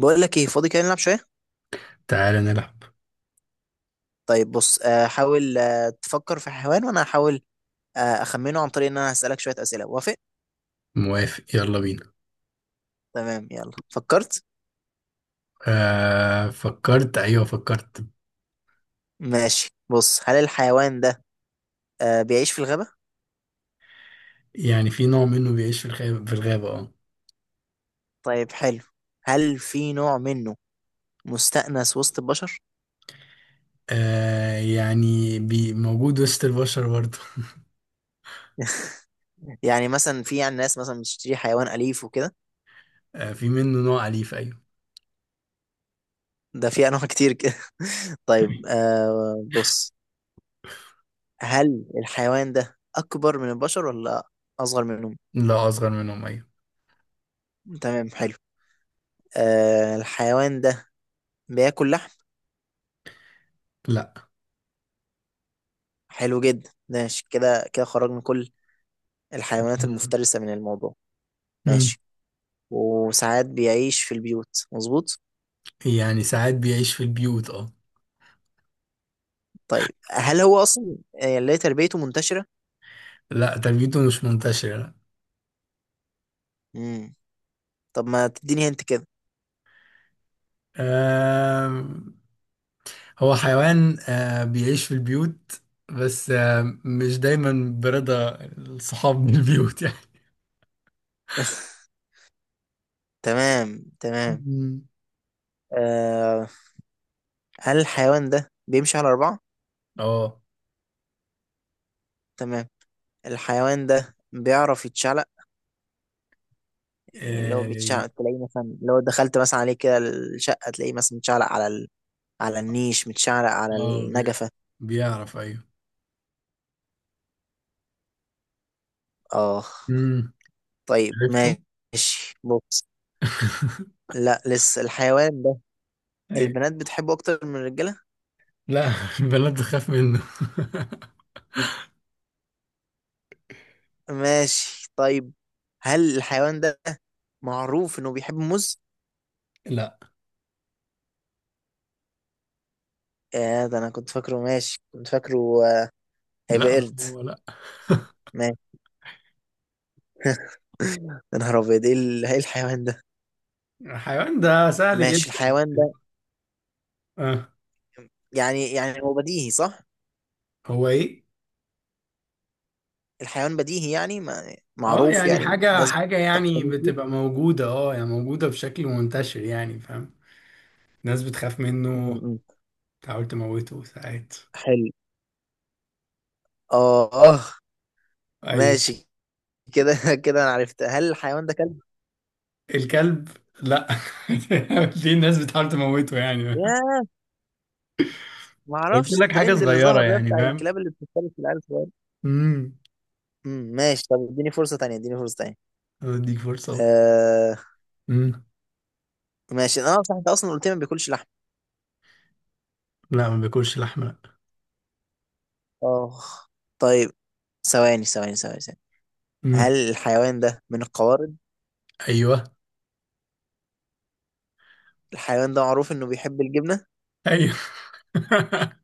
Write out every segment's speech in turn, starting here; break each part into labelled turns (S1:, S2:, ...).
S1: بقول لك ايه؟ فاضي كده، نلعب شويه.
S2: تعالى نلعب.
S1: طيب بص، حاول تفكر في حيوان وانا هحاول اخمنه عن طريق ان انا هسالك شويه اسئله. وافق؟
S2: موافق، يلا بينا.
S1: تمام، يلا فكرت.
S2: فكرت، ايوه فكرت.
S1: ماشي، بص، هل الحيوان ده بيعيش في الغابه؟
S2: يعني في نوع منه بيعيش في الغابة اه.
S1: طيب، حلو. هل في نوع منه مستأنس وسط البشر؟
S2: آه، يعني موجود وسط البشر برضه.
S1: يعني مثلا في يعني ناس مثلا بتشتري حيوان أليف وكده.
S2: آه، في منه نوع أليف، ايوه.
S1: ده في انواع كتير كده. طيب، بص، هل الحيوان ده اكبر من البشر ولا اصغر منهم؟
S2: لا، أصغر منهم، ايوه.
S1: تمام، حلو. الحيوان ده بياكل لحم؟
S2: لا.
S1: حلو جدا. ماشي، كده كده خرج من كل الحيوانات
S2: مم.
S1: المفترسة من الموضوع.
S2: مم.
S1: ماشي، وساعات بيعيش في البيوت، مظبوط؟
S2: يعني ساعات بيعيش في البيوت، اه.
S1: طيب، هل هو أصلا، اللي هي تربيته منتشرة؟
S2: لا، تربيته مش منتشرة، لا.
S1: مم. طب ما تديني هنت كده.
S2: آه، هو حيوان بيعيش في البيوت، بس مش دايما برضا الصحاب من البيوت، يعني.
S1: تمام تمام.
S2: مم.
S1: آه هل الحيوان ده بيمشي على أربعة؟
S2: اه،
S1: تمام. الحيوان ده بيعرف يتشعلق؟ يعني لو
S2: اه،
S1: بيتشعلق تلاقيه مثلا لو دخلت مثلا عليه كده الشقة تلاقيه مثلا متشعلق على ال، على النيش، متشعلق على
S2: آه، بي-
S1: النجفة.
S2: بيعرف، ايوه.
S1: اه.
S2: امم
S1: طيب،
S2: عرفته.
S1: ماشي، بص، لا لسه الحيوان ده
S2: ايوه.
S1: البنات بتحبه اكتر من الرجاله؟
S2: لا، البنات بتخاف منه.
S1: ماشي، طيب، هل الحيوان ده معروف انه بيحب موز؟
S2: لا،
S1: يا ده انا كنت فاكره، ماشي كنت فاكره. آه،
S2: لا،
S1: هيبقى
S2: ما
S1: قرد.
S2: هو، لا.
S1: ماشي. يا نهار ابيض، ايه إيه الحيوان ده؟
S2: الحيوان ده سهل
S1: ماشي،
S2: جدا.
S1: الحيوان ده،
S2: اه،
S1: يعني هو بديهي صح؟
S2: هو ايه.
S1: الحيوان بديهي يعني، ما
S2: اه،
S1: معروف
S2: يعني
S1: يعني.
S2: حاجة
S1: الناس
S2: حاجة، يعني
S1: بتقتني
S2: بتبقى
S1: فيه؟
S2: موجودة، اه يعني موجودة بشكل منتشر، يعني فاهم. ناس بتخاف
S1: م-
S2: منه،
S1: م.
S2: بتحاول تموته ساعات.
S1: حلو. اه،
S2: ايوه.
S1: ماشي كده. كده انا عرفت. هل الحيوان ده كلب؟
S2: الكلب. لا. ليه الناس بتحاول تموته يعني؟
S1: ياه، ما
S2: قلت
S1: اعرفش
S2: لك حاجة
S1: الترند اللي
S2: صغيرة،
S1: ظهر ده
S2: يعني
S1: بتاع
S2: فاهم.
S1: الكلاب اللي بتفترس العيال الصغيره.
S2: امم
S1: امم، ماشي. طب اديني فرصه تانية، اديني فرصه تانية.
S2: اديك فرصة أهو.
S1: آه.
S2: امم
S1: ماشي. انا صح؟ انت اصلا قلت لي ما بياكلش لحم.
S2: لا، ما بياكلش لحمة، لا.
S1: اه، طيب، ثواني ثواني ثواني ثواني. هل
S2: امم
S1: الحيوان ده من القوارض؟
S2: ايوه.
S1: الحيوان ده معروف انه بيحب الجبنه؟
S2: ايوه.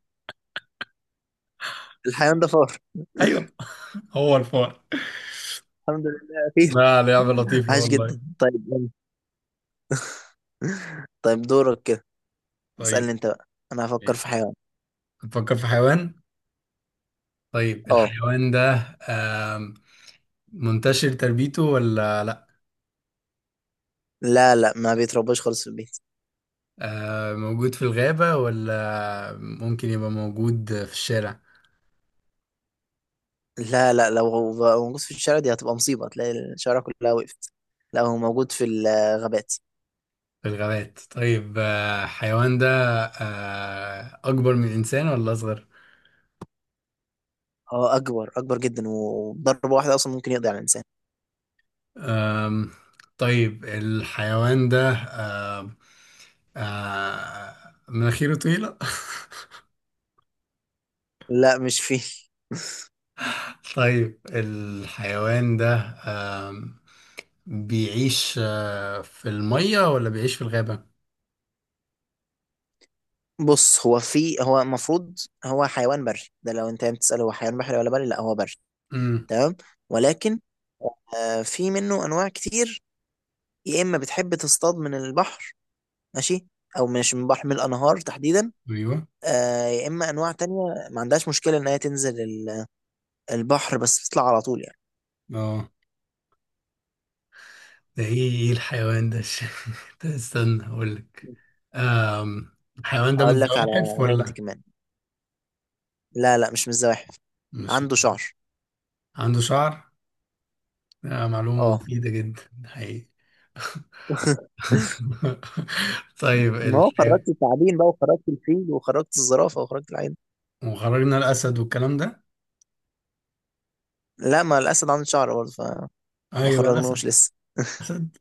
S1: الحيوان ده فار!
S2: ايوه. هو الفار.
S1: الحمد لله اخير.
S2: لا، لعبة لطيفة
S1: عاش
S2: والله.
S1: جدا. طيب يلا. طيب دورك كده. اسالني
S2: طيب
S1: انت بقى، انا هفكر في
S2: ماشي.
S1: حيوان.
S2: بتفكر في حيوان. طيب،
S1: اه.
S2: الحيوان ده آم، منتشر تربيته ولا لا؟
S1: لا لا، ما بيترباش خالص في البيت.
S2: موجود في الغابة ولا ممكن يبقى موجود في الشارع؟
S1: لا لا، لو بقى موجود في الشارع دي هتبقى مصيبة، تلاقي الشارع كلها وقفت. لا، هو موجود في الغابات.
S2: في الغابات. طيب، آه، الحيوان ده أكبر من الإنسان ولا أصغر؟
S1: اه، أكبر، أكبر جدا، وضربة واحدة أصلا ممكن يقضي على الإنسان.
S2: أم، طيب الحيوان ده أم، آه، مناخيره طويلة.
S1: لا مش فيه.
S2: طيب الحيوان ده أم، بيعيش في المية ولا بيعيش في الغابة؟
S1: بص، هو في، هو المفروض هو حيوان بري. ده لو أنت بتسأل هو حيوان بحري ولا بري، لا هو بري.
S2: امم
S1: تمام. ولكن، في منه أنواع كتير، يا إما بتحب تصطاد من البحر، ماشي، أو مش من البحر، من الأنهار تحديدا.
S2: ايوه.
S1: يا إما أنواع تانية ما عندهاش مشكلة إن هي تنزل البحر بس تطلع على طول.
S2: اه. ده ايه، الحيوان ده؟ ده، استنى اقول لك. الحيوان ده من
S1: اقول لك على
S2: الزواحف
S1: هنت
S2: ولا
S1: كمان. لا لا، مش متزوحف،
S2: مش
S1: عنده
S2: من-
S1: شعر.
S2: عنده شعر؟ آه، معلومة
S1: اه.
S2: مفيدة جدا، حقيقي. طيب
S1: ما هو
S2: الحيوان.
S1: خرجت التعابين بقى، وخرجت الفيل، وخرجت الزرافة، وخرجت العين.
S2: وخرجنا الأسد والكلام ده.
S1: لا، ما الأسد عنده شعر برضه، فما
S2: اه، يبقى
S1: خرجناهوش
S2: الأسد.
S1: لسه.
S2: أسد.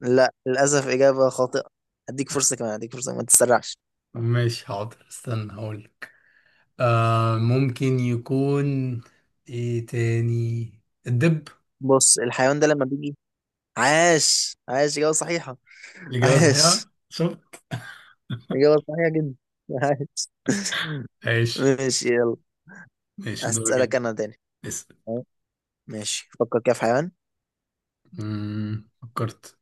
S1: لا، للأسف إجابة خاطئة. هديك فرصة كمان، هديك فرصة، ما تتسرعش.
S2: ماشي، حاضر استنى هقولك. آه، ممكن يكون ايه تاني؟ الدب.
S1: بص، الحيوان ده لما بيجي، عاش عاش، إجابة صحيحة.
S2: الإجابة
S1: عاش،
S2: صحيحة، شوف.
S1: إجابة صحيحة جدا. عاش.
S2: ماشي.
S1: ماشي، يلا.
S2: ماشي، دورك
S1: هسألك
S2: انت.
S1: أنا تاني.
S2: اسأل.
S1: أه، ماشي، فكر كده في حيوان.
S2: مم، فكرت.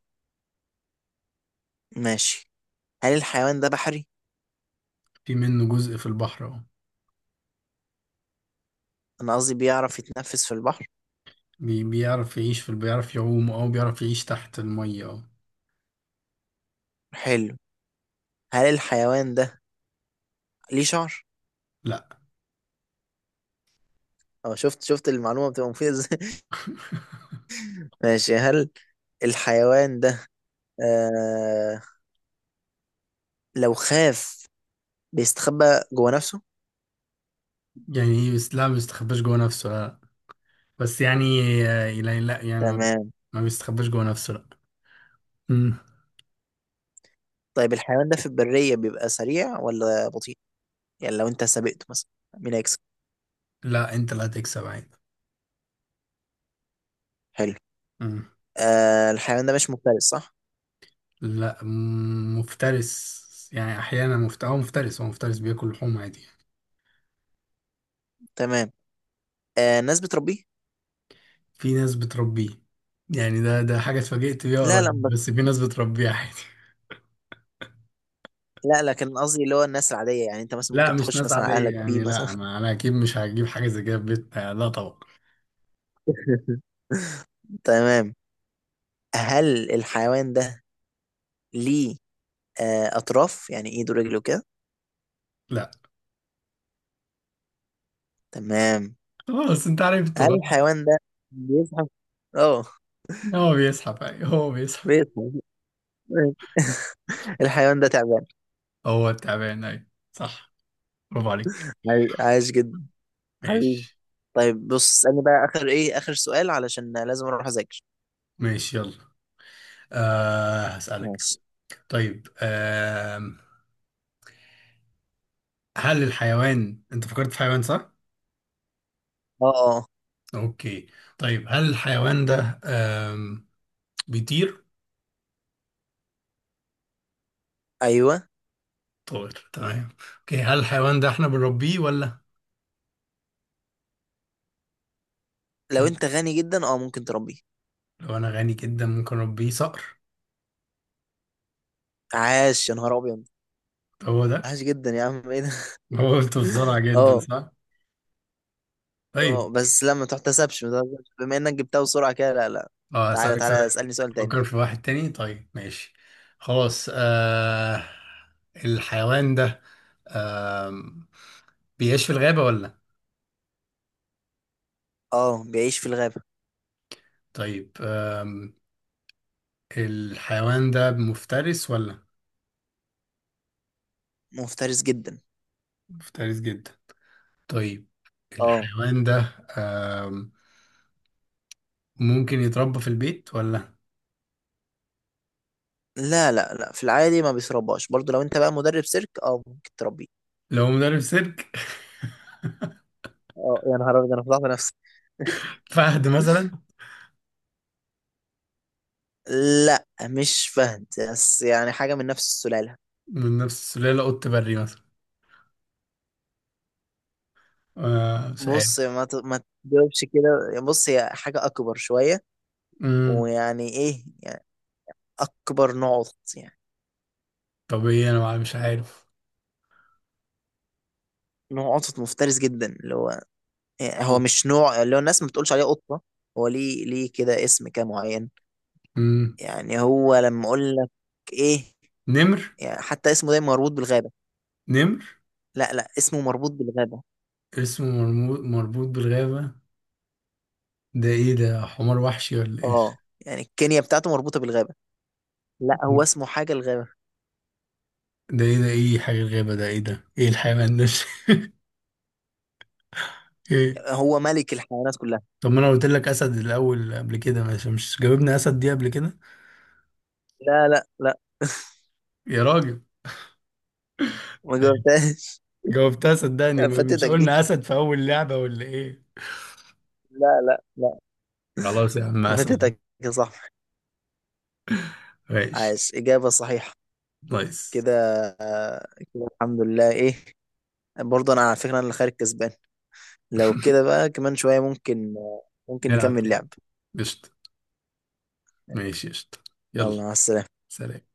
S1: ماشي. هل الحيوان ده بحري؟
S2: في منه جزء في البحر اهو.
S1: أنا قصدي بيعرف يتنفس في البحر؟
S2: بيعرف يعوم، او بيعرف يعيش تحت المية اهو.
S1: حلو. هل الحيوان ده ليه شعر؟
S2: لا.
S1: أه، شفت المعلومة بتبقى مفيدة إزاي؟ ماشي. هل الحيوان ده، آه لو خاف بيستخبى جوه نفسه؟
S2: يعني ايه بس؟ لا، ما بيستخباش جوه نفسه، لا، بس يعني آه، لا، لا، يعني ما
S1: تمام.
S2: ما بيستخباش جوه نفسه، لا. مم.
S1: طيب، الحيوان ده في البرية بيبقى سريع ولا بطيء؟ يعني لو أنت سابقته مثلا، مين هيكسب؟
S2: لا، انت اللي هتكسب عادي.
S1: حلو.
S2: مم.
S1: الحيوان ده مش مفترس، صح؟
S2: لا، مم، مفترس. يعني احيانا مفت... هو مفترس هو مفترس، بياكل لحوم عادي يعني.
S1: تمام. الناس بتربيه؟
S2: في ناس بتربيه، يعني ده حاجة اتفاجئت بيها
S1: لا لا
S2: قريب، بس في ناس بتربيه عادي.
S1: لا، لكن قصدي اللي هو الناس العادية، يعني أنت مثلا
S2: لا،
S1: ممكن
S2: مش
S1: تخش
S2: ناس
S1: مثلا على
S2: عادية،
S1: أهلك بيه
S2: يعني
S1: مثلا.
S2: لا، ما انا اكيد مش هجيب حاجة زي كده في بيتنا، لا طبعا.
S1: تمام. هل الحيوان ده ليه أطراف يعني إيده ورجله كده؟
S2: لا.
S1: تمام.
S2: خلاص، انت عرفته
S1: هل
S2: غلط.
S1: الحيوان ده بيزحف؟ اه،
S2: هو بيسحب، اي، هو بيسحب.
S1: بيزحف. الحيوان ده تعبان!
S2: هو التعبان، اي صح، برافو عليك.
S1: عايش جدا، حبيبي.
S2: ماشي.
S1: طيب، بص، اسألني بقى آخر، إيه آخر سؤال، علشان لازم أروح أذاكر.
S2: ماشي، يلا. آه، هسألك.
S1: ماشي.
S2: طيب، آه، هل الحيوان انت فكرت في حيوان صح؟
S1: اه. اه.
S2: اوكي. طيب، هل الحيوان ده بيطير؟
S1: أيوه.
S2: طائر، تمام. اوكي، هل الحيوان ده احنا بنربيه ولا؟
S1: لو
S2: مم.
S1: أنت غني جدا، اه ممكن تربيه.
S2: لو انا غني جدا ممكن اربيه، صقر.
S1: عاش يا نهار أبيض.
S2: هو ده؟
S1: عاش جدا، يا عم إيه ده؟
S2: هو قلت بسرعة جدا
S1: اه.
S2: صح؟ طيب.
S1: اه، بس لا، ما تحتسبش ما تحتسبش. بما إنك جبتها بسرعة كده، لا لا.
S2: اه،
S1: تعالى
S2: هسألك
S1: تعالى
S2: سؤال.
S1: اسألني سؤال تاني.
S2: فكر في واحد تاني. طيب ماشي. خلاص الحيوان ده آم... بيعيش في الغابة ولا؟
S1: اه، بيعيش في الغابة.
S2: طيب الحيوان ده مفترس ولا؟
S1: مفترس جدا.
S2: مفترس جدا. طيب
S1: اه.
S2: الحيوان ده ممكن يتربى في البيت ولا؟
S1: لا لا لا، في العادي ما بيشربهاش برضو. لو انت بقى مدرب سيرك، اه ممكن تربيه.
S2: لو مدرب سيرك.
S1: اه، يا نهار ابيض، انا فضحت نفسي.
S2: فهد مثلا.
S1: لا، مش فهد، بس يعني حاجة من نفس السلالة.
S2: من نفس السلالة، قط بري مثلا. آه، مش عارف.
S1: بص، ما تجاوبش كده. بص، هي حاجة أكبر شوية.
S2: مم.
S1: ويعني إيه يعني، أكبر نوع قطط يعني،
S2: طب ايه؟ مش عارف.
S1: نوع قطط مفترس جدا، اللي هو، يعني هو مش نوع اللي هو الناس ما بتقولش عليه قطة. هو ليه، كده اسم كده معين.
S2: مم.
S1: يعني هو لما أقول لك إيه،
S2: نمر.
S1: يعني حتى اسمه دايما مربوط بالغابة.
S2: نمر.
S1: لا لا، اسمه مربوط بالغابة.
S2: اسمه مربوط بالغابة. ده ايه؟ ده حمار وحشي ولا ايه؟
S1: اه. يعني الكينيا بتاعته مربوطة بالغابة. لا، هو اسمه حاجة الغابة.
S2: ده ايه؟ ده ايه حاجة الغابة؟ ده ايه؟ ده ايه الحيوان ده؟ ايه؟
S1: هو ملك الحيوانات كلها.
S2: طب ما انا قلت لك اسد الاول قبل كده، مش جاوبنا اسد دي قبل كده؟
S1: لا لا لا،
S2: يا راجل،
S1: ما جاوبتهاش.
S2: جاوبتها صدقني، ما مش
S1: فاتتك دي.
S2: قلنا اسد في اول لعبة ولا ايه؟
S1: لا لا لا،
S2: خلاص يا عم، اسد أهو.
S1: فاتتك يا صاحبي.
S2: ماشي.
S1: عاش، إجابة صحيحة.
S2: نايس.
S1: كده، آه، كده الحمد لله، ايه، برضه انا على فكرة انا اللي خارج كسبان. لو كده بقى كمان شوية ممكن، ممكن
S2: نلعب
S1: نكمل
S2: تاني.
S1: لعب.
S2: قشطة. ماشي قشطة.
S1: يلا،
S2: يلا.
S1: مع السلامة.
S2: سلام.